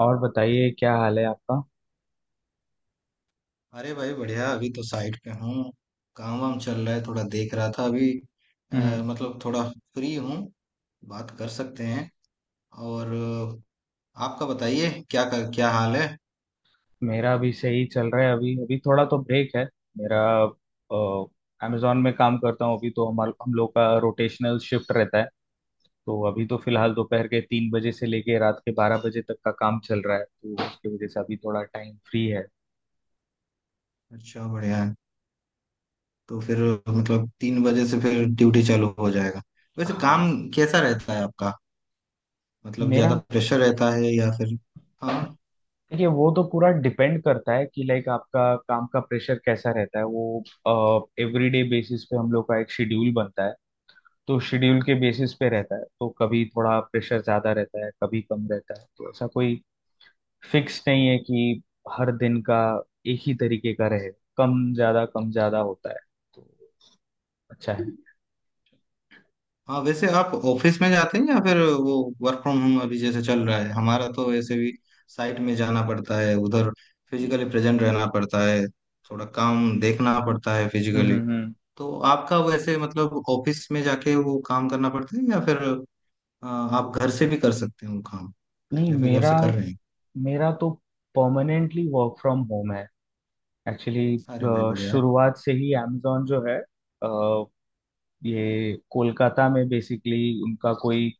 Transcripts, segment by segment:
और बताइए क्या हाल है आपका। अरे भाई, बढ़िया। अभी तो साइट पे हूँ। काम वाम चल रहा है, थोड़ा देख रहा था अभी। हम्म। मतलब थोड़ा फ्री हूँ, बात कर सकते हैं। और आपका बताइए, क्या हाल है। मेरा भी सही चल रहा है अभी अभी थोड़ा तो ब्रेक है मेरा। अमेजोन में काम करता हूँ अभी तो हमार हम लोग का रोटेशनल शिफ्ट रहता है। तो अभी तो फिलहाल दोपहर के 3 बजे से लेके रात के 12 बजे तक का काम चल रहा है, तो उसकी वजह से अभी थोड़ा टाइम फ्री है। अच्छा, बढ़िया है। तो फिर मतलब 3 बजे से फिर ड्यूटी चालू हो जाएगा। वैसे काम हाँ। कैसा रहता है आपका? मतलब ज्यादा मेरा, प्रेशर रहता है या फिर? हाँ। देखिए वो तो पूरा डिपेंड करता है कि लाइक आपका काम का प्रेशर कैसा रहता है। वो एवरीडे बेसिस पे हम लोग का एक शेड्यूल बनता है, तो शेड्यूल के बेसिस पे रहता है। तो कभी थोड़ा प्रेशर ज्यादा रहता है कभी कम रहता है, तो ऐसा कोई फिक्स नहीं है कि हर दिन का एक ही तरीके का रहे। कम ज्यादा होता है, तो अच्छा है। हाँ, वैसे आप ऑफिस में जाते हैं या फिर वो वर्क फ्रॉम होम? अभी जैसे चल रहा है हमारा, तो वैसे भी साइट में जाना पड़ता है उधर, फिजिकली प्रेजेंट रहना पड़ता है, थोड़ा काम देखना पड़ता है हम्म फिजिकली। हम्म हम्म। तो आपका वैसे मतलब ऑफिस में जाके वो काम करना पड़ता है, या फिर आप घर से भी कर सकते हो काम, नहीं या फिर घर मेरा से कर रहे हैं? मेरा तो परमानेंटली वर्क फ्रॉम होम है, एक्चुअली। अरे भाई, बढ़िया शुरुआत से ही amazon जो है, अ, ये कोलकाता में बेसिकली उनका कोई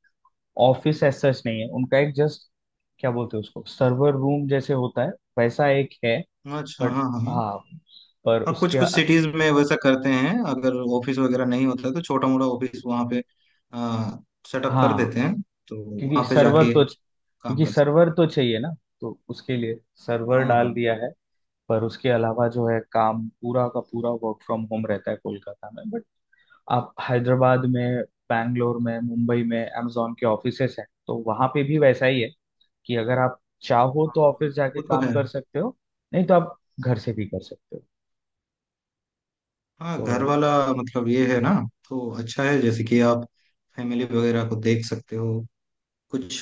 ऑफिस एज सच नहीं है। उनका एक जस्ट क्या बोलते हैं उसको, सर्वर रूम जैसे होता है, वैसा एक है। है। अच्छा, बट हाँ हाँ। हाँ, पर हाँ, कुछ उसके, कुछ सिटीज में वैसा करते हैं, अगर ऑफिस वगैरह नहीं होता है, तो छोटा मोटा ऑफिस वहाँ पे सेटअप कर हाँ देते हैं, तो वहाँ पे जाके काम क्योंकि कर सकते सर्वर हैं। तो चाहिए ना। तो उसके लिए सर्वर हाँ हाँ डाल दिया है। पर उसके अलावा जो है काम पूरा का पूरा वर्क फ्रॉम होम रहता है कोलकाता में। बट आप हैदराबाद में, बैंगलोर में, मुंबई में amazon के ऑफिसेस हैं तो वहां पे भी वैसा ही है कि अगर आप चाहो तो हाँ, ऑफिस जाके वो तो काम है। कर सकते हो, नहीं तो आप घर से भी कर सकते हो। हाँ, तो घर वाला मतलब ये है ना, तो अच्छा है, जैसे कि आप फैमिली वगैरह को देख सकते हो, कुछ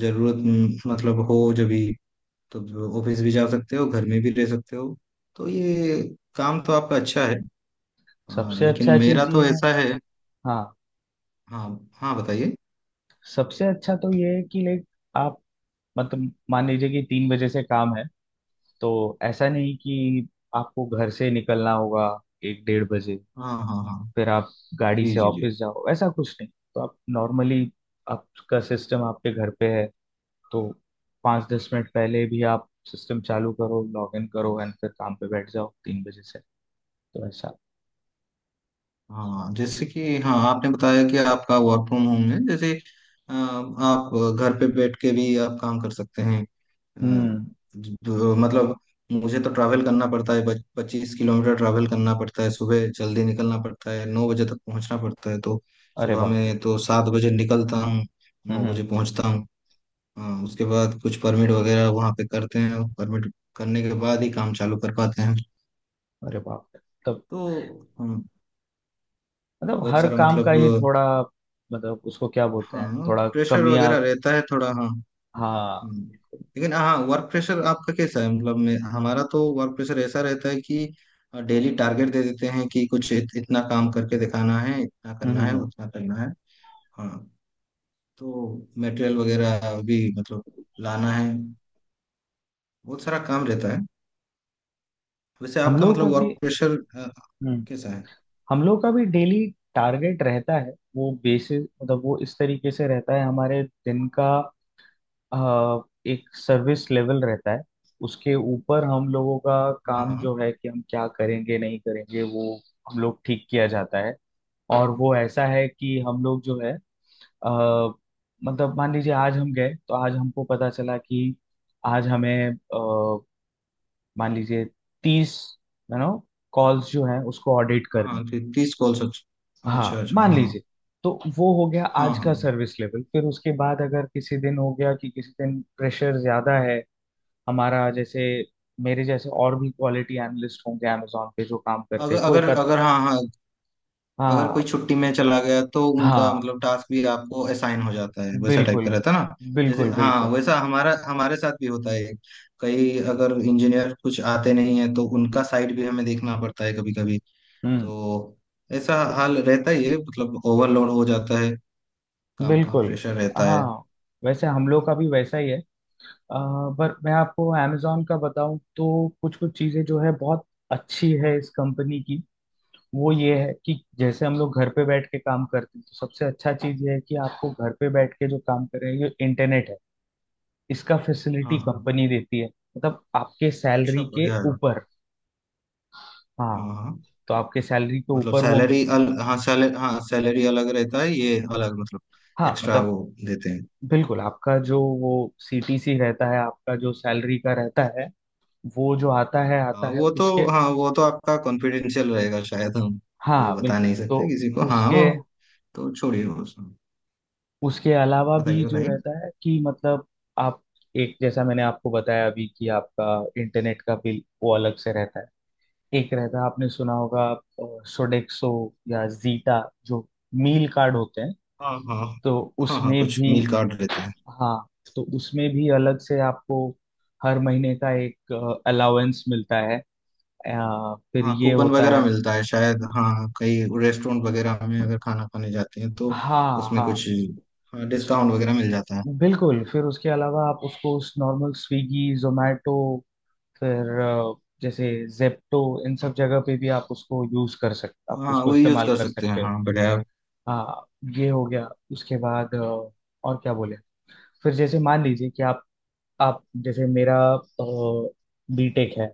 जरूरत मतलब हो जब भी, तो ऑफिस भी जा सकते हो, घर में भी रह सकते हो, तो ये काम तो आपका अच्छा है। हाँ, सबसे लेकिन अच्छा मेरा चीज ये तो है। ऐसा है। हाँ, हाँ हाँ, बताइए। सबसे अच्छा तो ये है कि लाइक आप, मतलब मान लीजिए कि 3 बजे से काम है, तो ऐसा नहीं कि आपको घर से निकलना होगा 1 डेढ़ बजे, हाँ हाँ हाँ। फिर आप गाड़ी जी से जी जी। ऑफिस जाओ। ऐसा कुछ नहीं, तो आप नॉर्मली, आपका सिस्टम आपके घर पे है, तो 5 10 मिनट पहले भी आप सिस्टम चालू करो, लॉग इन करो एंड फिर काम पे बैठ जाओ 3 बजे से। तो ऐसा। हाँ, जैसे कि हाँ आपने बताया कि आपका वर्क फ्रॉम होम है, जैसे आप घर पे बैठ के भी आप काम कर सकते हैं। अ, हम्म। मतलब मुझे तो ट्रैवल करना पड़ता है, 25 किलोमीटर ट्रैवल करना पड़ता है, सुबह जल्दी निकलना पड़ता है, 9 बजे तक पहुंचना पड़ता है, तो अरे सुबह बाप रे। में तो 7 बजे निकलता हूँ, 9 हम्म। बजे पहुंचता हूँ। उसके बाद कुछ परमिट वगैरह वहाँ पे करते हैं, और परमिट करने के बाद ही काम चालू कर पाते हैं, अरे बाप रे, तब तो हम मतलब बहुत हर सारा काम का मतलब। ही थोड़ा, मतलब उसको क्या बोलते हैं, हाँ, थोड़ा प्रेशर कमियां, वगैरह रहता है थोड़ा, हाँ। हाँ हम्म। बिल्कुल। लेकिन हाँ, वर्क प्रेशर आपका कैसा है? मतलब मैं, हमारा तो वर्क प्रेशर ऐसा रहता है कि डेली टारगेट दे देते हैं कि कुछ इतना काम करके दिखाना है, इतना हम्म करना हम्म है, हम्म। उतना करना है। हाँ, तो मटेरियल वगैरह भी मतलब लाना है, बहुत सारा काम रहता है। वैसे हम आपका लोग मतलब का वर्क भी। प्रेशर हम्म। कैसा है? हम लोग का भी डेली टारगेट रहता है। वो बेसिस मतलब वो इस तरीके से रहता है हमारे दिन का, अ, एक सर्विस लेवल रहता है। उसके ऊपर हम लोगों का काम हाँ जो है कि हम क्या करेंगे नहीं करेंगे वो हम लोग ठीक किया जाता है। और वो ऐसा है कि हम लोग जो है, अ, मतलब मान लीजिए आज हम गए तो आज हमको पता चला कि आज हमें, मान लीजिए 30 यू नो कॉल्स जो हैं उसको ऑडिट करने हाँ, हैं। 30 कॉल्स, अच्छा हाँ अच्छा अच्छा। मान हाँ लीजिए। तो वो हो गया हाँ आज का हाँ। Service level. फिर उसके बाद अगर किसी दिन हो गया कि किसी दिन प्रेशर ज्यादा है हमारा, जैसे मेरे जैसे और भी क्वालिटी एनालिस्ट होंगे amazon पे जो काम करते अगर हैं अगर कोलकाता। अगर हाँ हाँ, अगर हाँ। कोई छुट्टी में चला गया तो उनका हाँ मतलब टास्क भी आपको असाइन हो जाता है, वैसा टाइप बिल्कुल, का रहता है ना। जैसे बिल्कुल हाँ, बिल्कुल। वैसा हमारा हमारे साथ भी होता है, कई अगर इंजीनियर कुछ आते नहीं है तो उनका साइड भी हमें देखना पड़ता है कभी कभी, हम्म। तो ऐसा हाल रहता ही है, मतलब ओवरलोड हो जाता है, काम का बिल्कुल। प्रेशर रहता है। हाँ वैसे हम लोग का भी वैसा ही है। आ, पर मैं आपको amazon का बताऊं तो कुछ कुछ चीजें जो है बहुत अच्छी है इस कंपनी की। वो ये है कि जैसे हम लोग घर पे बैठ के काम करते हैं, तो सबसे अच्छा चीज ये है कि आपको घर पे बैठ के जो काम कर रहे हैं ये इंटरनेट है, इसका हाँ फैसिलिटी हाँ कंपनी देती है, मतलब आपके हाँ। अच्छा, सैलरी के बढ़िया है। ऊपर। हाँ, हाँ हाँ, तो आपके सैलरी के मतलब ऊपर वो मिल, सैलरी अल हाँ, सैलरी, हाँ सैलरी अलग रहता है, ये अलग, मतलब हाँ एक्स्ट्रा मतलब वो देते हैं। बिल्कुल। आपका जो वो सीटीसी रहता है आपका जो सैलरी का रहता है, वो जो हाँ, आता है वो तो, उसके, हाँ वो तो आपका कॉन्फिडेंशियल रहेगा शायद, हम वो हाँ बता बिल्कुल। नहीं तो सकते किसी को, हाँ उसके वो तो छोड़िए वो सब। उसके अलावा भी बताइए जो बताइए। रहता है कि मतलब आप, एक जैसा मैंने आपको बताया अभी कि आपका इंटरनेट का बिल वो अलग से रहता है। एक रहता है आपने सुना होगा, सोडेक्सो या जीटा, जो मील कार्ड होते हैं, हाँ हाँ तो हाँ हाँ, उसमें कुछ भी, मील कार्ड रहते हैं। हाँ तो उसमें भी अलग से आपको हर महीने का एक अलाउंस मिलता है। फिर हाँ, ये कूपन होता वगैरह है, मिलता है शायद, हाँ, कई रेस्टोरेंट वगैरह में अगर खाना खाने जाते हैं, तो हाँ उसमें हाँ कुछ हाँ डिस्काउंट वगैरह मिल जाता है। बिल्कुल। फिर उसके अलावा आप उसको उस नॉर्मल स्विगी जोमेटो, फिर जैसे जेप्टो, इन सब जगह पे भी आप उसको यूज कर सकते, आप हाँ, उसको वो यूज इस्तेमाल कर कर सकते हैं, सकते हो। हाँ बढ़िया। हाँ। ये हो गया, उसके बाद और क्या बोले, फिर जैसे मान लीजिए कि आप जैसे मेरा बीटेक है।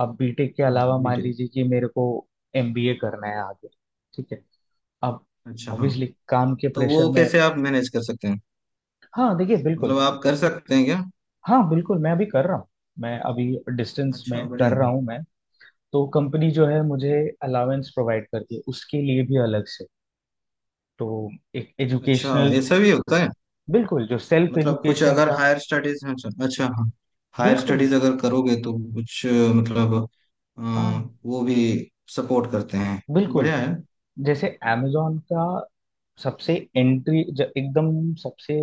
अब बीटेक के हाँ अलावा हाँ, मान डिटेल। लीजिए कि मेरे को एमबीए करना है आगे, ठीक है। अब अच्छा, हाँ, ऑब्वियसली काम के तो प्रेशर वो में, कैसे आप मैनेज कर सकते हैं? हाँ देखिए बिल्कुल, मतलब आप कर सकते हैं क्या? हाँ बिल्कुल मैं अभी कर रहा हूँ। मैं अभी डिस्टेंस अच्छा, में बढ़िया। कर रहा हूँ मैं। तो कंपनी जो है मुझे अलाउंस प्रोवाइड करती है उसके लिए भी अलग से। तो एक अच्छा, एजुकेशनल, ऐसा भी होता है? बिल्कुल, जो सेल्फ मतलब कुछ एजुकेशन अगर का, हायर स्टडीज, अच्छा अच्छा, हाँ, हायर बिल्कुल स्टडीज अगर करोगे तो कुछ मतलब अ, हाँ वो भी सपोर्ट करते हैं। बिल्कुल। बढ़िया है। जैसे amazon का सबसे एंट्री एकदम सबसे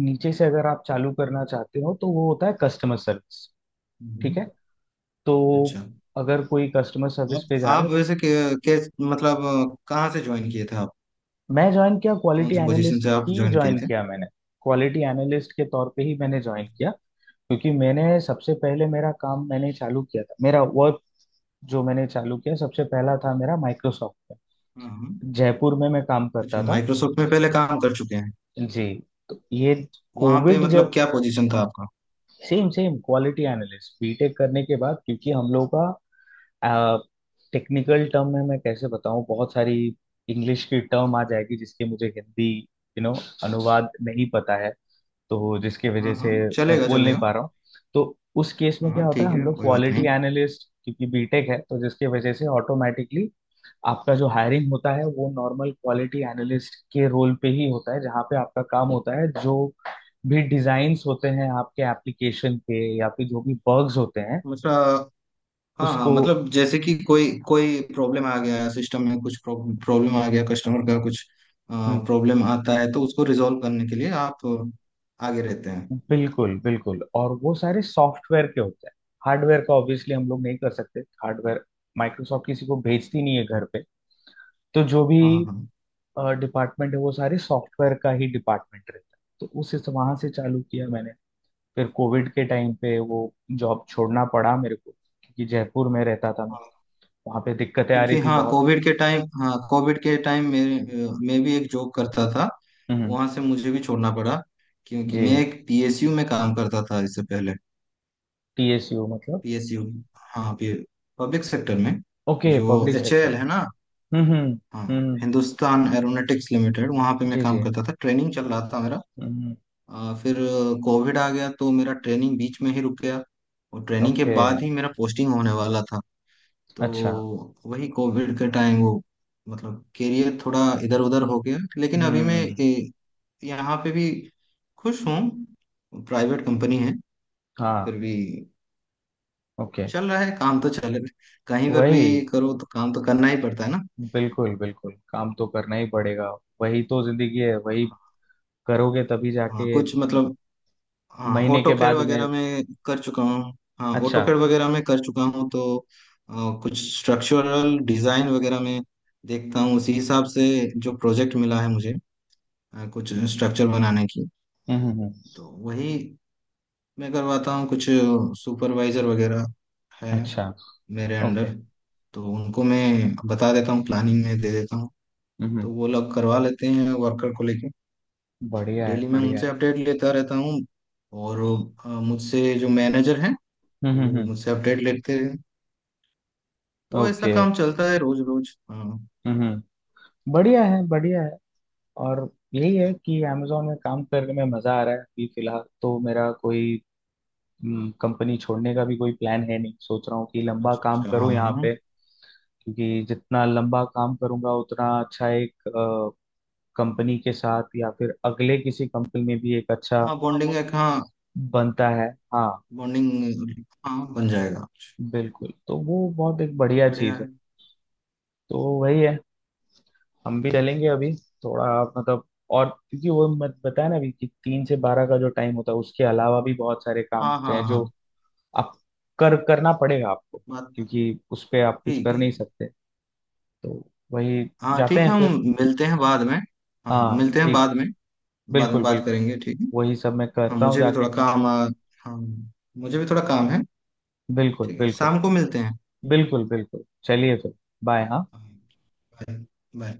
नीचे से अगर आप चालू करना चाहते हो तो वो होता है कस्टमर सर्विस, ठीक है। हम्म। तो अच्छा, अगर कोई कस्टमर सर्विस आप पे जा रहा आप है, वैसे के मतलब कहाँ से ज्वाइन किए थे आप? मैं ज्वाइन किया कौन क्वालिटी से पोजीशन एनालिस्ट से आप ही ज्वाइन किए ज्वाइन थे? किया मैंने। क्वालिटी एनालिस्ट के तौर पे ही मैंने ज्वाइन किया, क्योंकि मैंने सबसे पहले मेरा काम मैंने चालू किया था मेरा वर्क। जो मैंने चालू किया सबसे पहला था मेरा माइक्रोसॉफ्ट हाँ हाँ। में, जयपुर में मैं काम करता अच्छा, था। माइक्रोसॉफ्ट में पहले काम कर चुके हैं। जी। तो ये वहाँ पे कोविड मतलब जब, क्या पोजीशन था आपका? Same same quality analyst BTech करने के बाद, क्योंकि हम लोग का टेक्निकल टर्म में मैं कैसे बताऊं, बहुत सारी इंग्लिश की टर्म आ जाएगी जिसके मुझे हिंदी यू नो अनुवाद नहीं पता है, तो जिसकी हाँ वजह से हाँ, मैं चलेगा बोल नहीं चलेगा। पा रहा हूँ। तो उस केस में हाँ क्या हाँ, होता है, ठीक हम है, लोग कोई बात क्वालिटी नहीं। एनालिस्ट, क्योंकि बीटेक है तो जिसकी वजह से ऑटोमेटिकली आपका जो हायरिंग होता है वो नॉर्मल क्वालिटी एनालिस्ट के रोल पे ही होता है, जहाँ पे आपका काम होता है जो भी डिजाइन्स होते हैं आपके एप्लीकेशन के या फिर जो भी बग्स होते हैं मतलब हाँ हाँ, उसको। मतलब जैसे कि कोई कोई प्रॉब्लम आ गया सिस्टम में, कुछ प्रॉब्लम आ गया कस्टमर का, कुछ हम्म। प्रॉब्लम आता है, तो उसको रिजॉल्व करने के लिए आप आगे रहते हैं। बिल्कुल बिल्कुल, और वो सारे सॉफ्टवेयर के होते हैं। हार्डवेयर का ऑब्वियसली हम लोग नहीं कर सकते। हार्डवेयर माइक्रोसॉफ्ट किसी को भेजती नहीं है घर पे। तो जो भी हाँ हाँ डिपार्टमेंट है वो सारे सॉफ्टवेयर का ही डिपार्टमेंट रहता है। तो उस वहां से चालू किया मैंने। फिर कोविड के टाइम पे वो जॉब छोड़ना पड़ा मेरे को, क्योंकि जयपुर में रहता था मैं, हाँ। वहां पे दिक्कतें आ रही क्योंकि थी हाँ बहुत। कोविड के टाइम, हाँ कोविड के टाइम मेरे मैं भी एक जॉब करता था, हम्म। वहां से मुझे भी छोड़ना पड़ा, क्योंकि मैं जी। एक पीएसयू में काम करता था इससे पहले। टीएसयू मतलब? पीएसयू, हाँ, पब्लिक सेक्टर में, ओके, जो पब्लिक सेक्टर। एचएएल है ना। हम्म हम्म हाँ, हम्म। हिंदुस्तान एरोनॉटिक्स लिमिटेड, वहाँ पे मैं जी काम जी। करता था, ट्रेनिंग चल रहा था मेरा। हम्म। फिर कोविड आ गया तो मेरा ट्रेनिंग बीच में ही रुक गया, और ट्रेनिंग के ओके। बाद ही मेरा पोस्टिंग होने वाला था, तो अच्छा। वही कोविड के टाइम, वो मतलब करियर थोड़ा इधर उधर हो गया, लेकिन अभी मैं हम्म। यहाँ पे भी खुश हूँ, प्राइवेट कंपनी है, हाँ। फिर भी ओके। चल रहा है, काम तो चल रहा है, कहीं पर भी वही, करो तो काम तो करना ही पड़ता है ना। बिल्कुल बिल्कुल, काम तो करना ही पड़ेगा। वही तो जिंदगी है, वही करोगे तभी हाँ, जाके कुछ मतलब हाँ, महीने ऑटो के कैड बाद में। वगैरह में कर चुका हूँ। हाँ, ऑटो अच्छा। कैड वगैरह में कर चुका हूँ, तो कुछ स्ट्रक्चरल डिजाइन वगैरह में देखता हूँ, उसी हिसाब से जो प्रोजेक्ट मिला है मुझे, कुछ स्ट्रक्चर बनाने की, हम्म। तो वही मैं करवाता हूँ, कुछ सुपरवाइजर वगैरह है अच्छा। मेरे ओके। अंडर, तो उनको मैं बता देता हूँ, प्लानिंग में दे देता हूँ, हम्म। तो वो लोग करवा लेते हैं वर्कर को लेके, बढ़िया है डेली मैं बढ़िया उनसे है। अपडेट लेता रहता हूँ, और मुझसे जो मैनेजर है, वो हम्म। मुझसे अपडेट लेते हैं, तो ऐसा ओके। काम चलता है रोज रोज, हाँ। हम्म। बढ़िया है बढ़िया है। और यही है कि अमेजोन में काम करने में मजा आ रहा है अभी फिलहाल, तो मेरा कोई, कंपनी छोड़ने का भी कोई प्लान है नहीं। सोच रहा हूँ कि लंबा अच्छा काम अच्छा, हाँ करूँ यहाँ हाँ। पे, क्योंकि जितना लंबा काम करूंगा उतना अच्छा एक कंपनी के साथ या फिर अगले किसी कंपनी में भी एक अच्छा हाँ, बॉन्डिंग एक, हाँ बनता है। हाँ बॉन्डिंग, हाँ बन जाएगा। बिल्कुल, तो वो बहुत एक बढ़िया बढ़िया चीज है। है। तो वही है, हम भी चलेंगे अभी थोड़ा, मतलब, और क्योंकि वो मत बताया ना अभी कि 3 से 12 का जो टाइम होता है उसके अलावा भी बहुत सारे काम हाँ होते हाँ हैं जो हाँ, आप कर, करना पड़ेगा आपको, बात। क्योंकि उस पे आप कुछ ठीक कर है नहीं ठीक। सकते। तो वही, हाँ जाते ठीक है, हैं हम फिर। मिलते हैं बाद में। हाँ, हाँ मिलते हैं ठीक है, बाद में। बाद में बिल्कुल बात बिल्कुल। करेंगे, ठीक है। वही सब मैं हाँ, करता हूँ, मुझे भी जाके थोड़ा काम। काम हाँ, मुझे भी थोड़ा काम है। बिल्कुल ठीक है, बिल्कुल, शाम को मिलते हैं। बिल्कुल बिल्कुल, चलिए फिर। बाय हाँ। हाँ, बाय। बाय।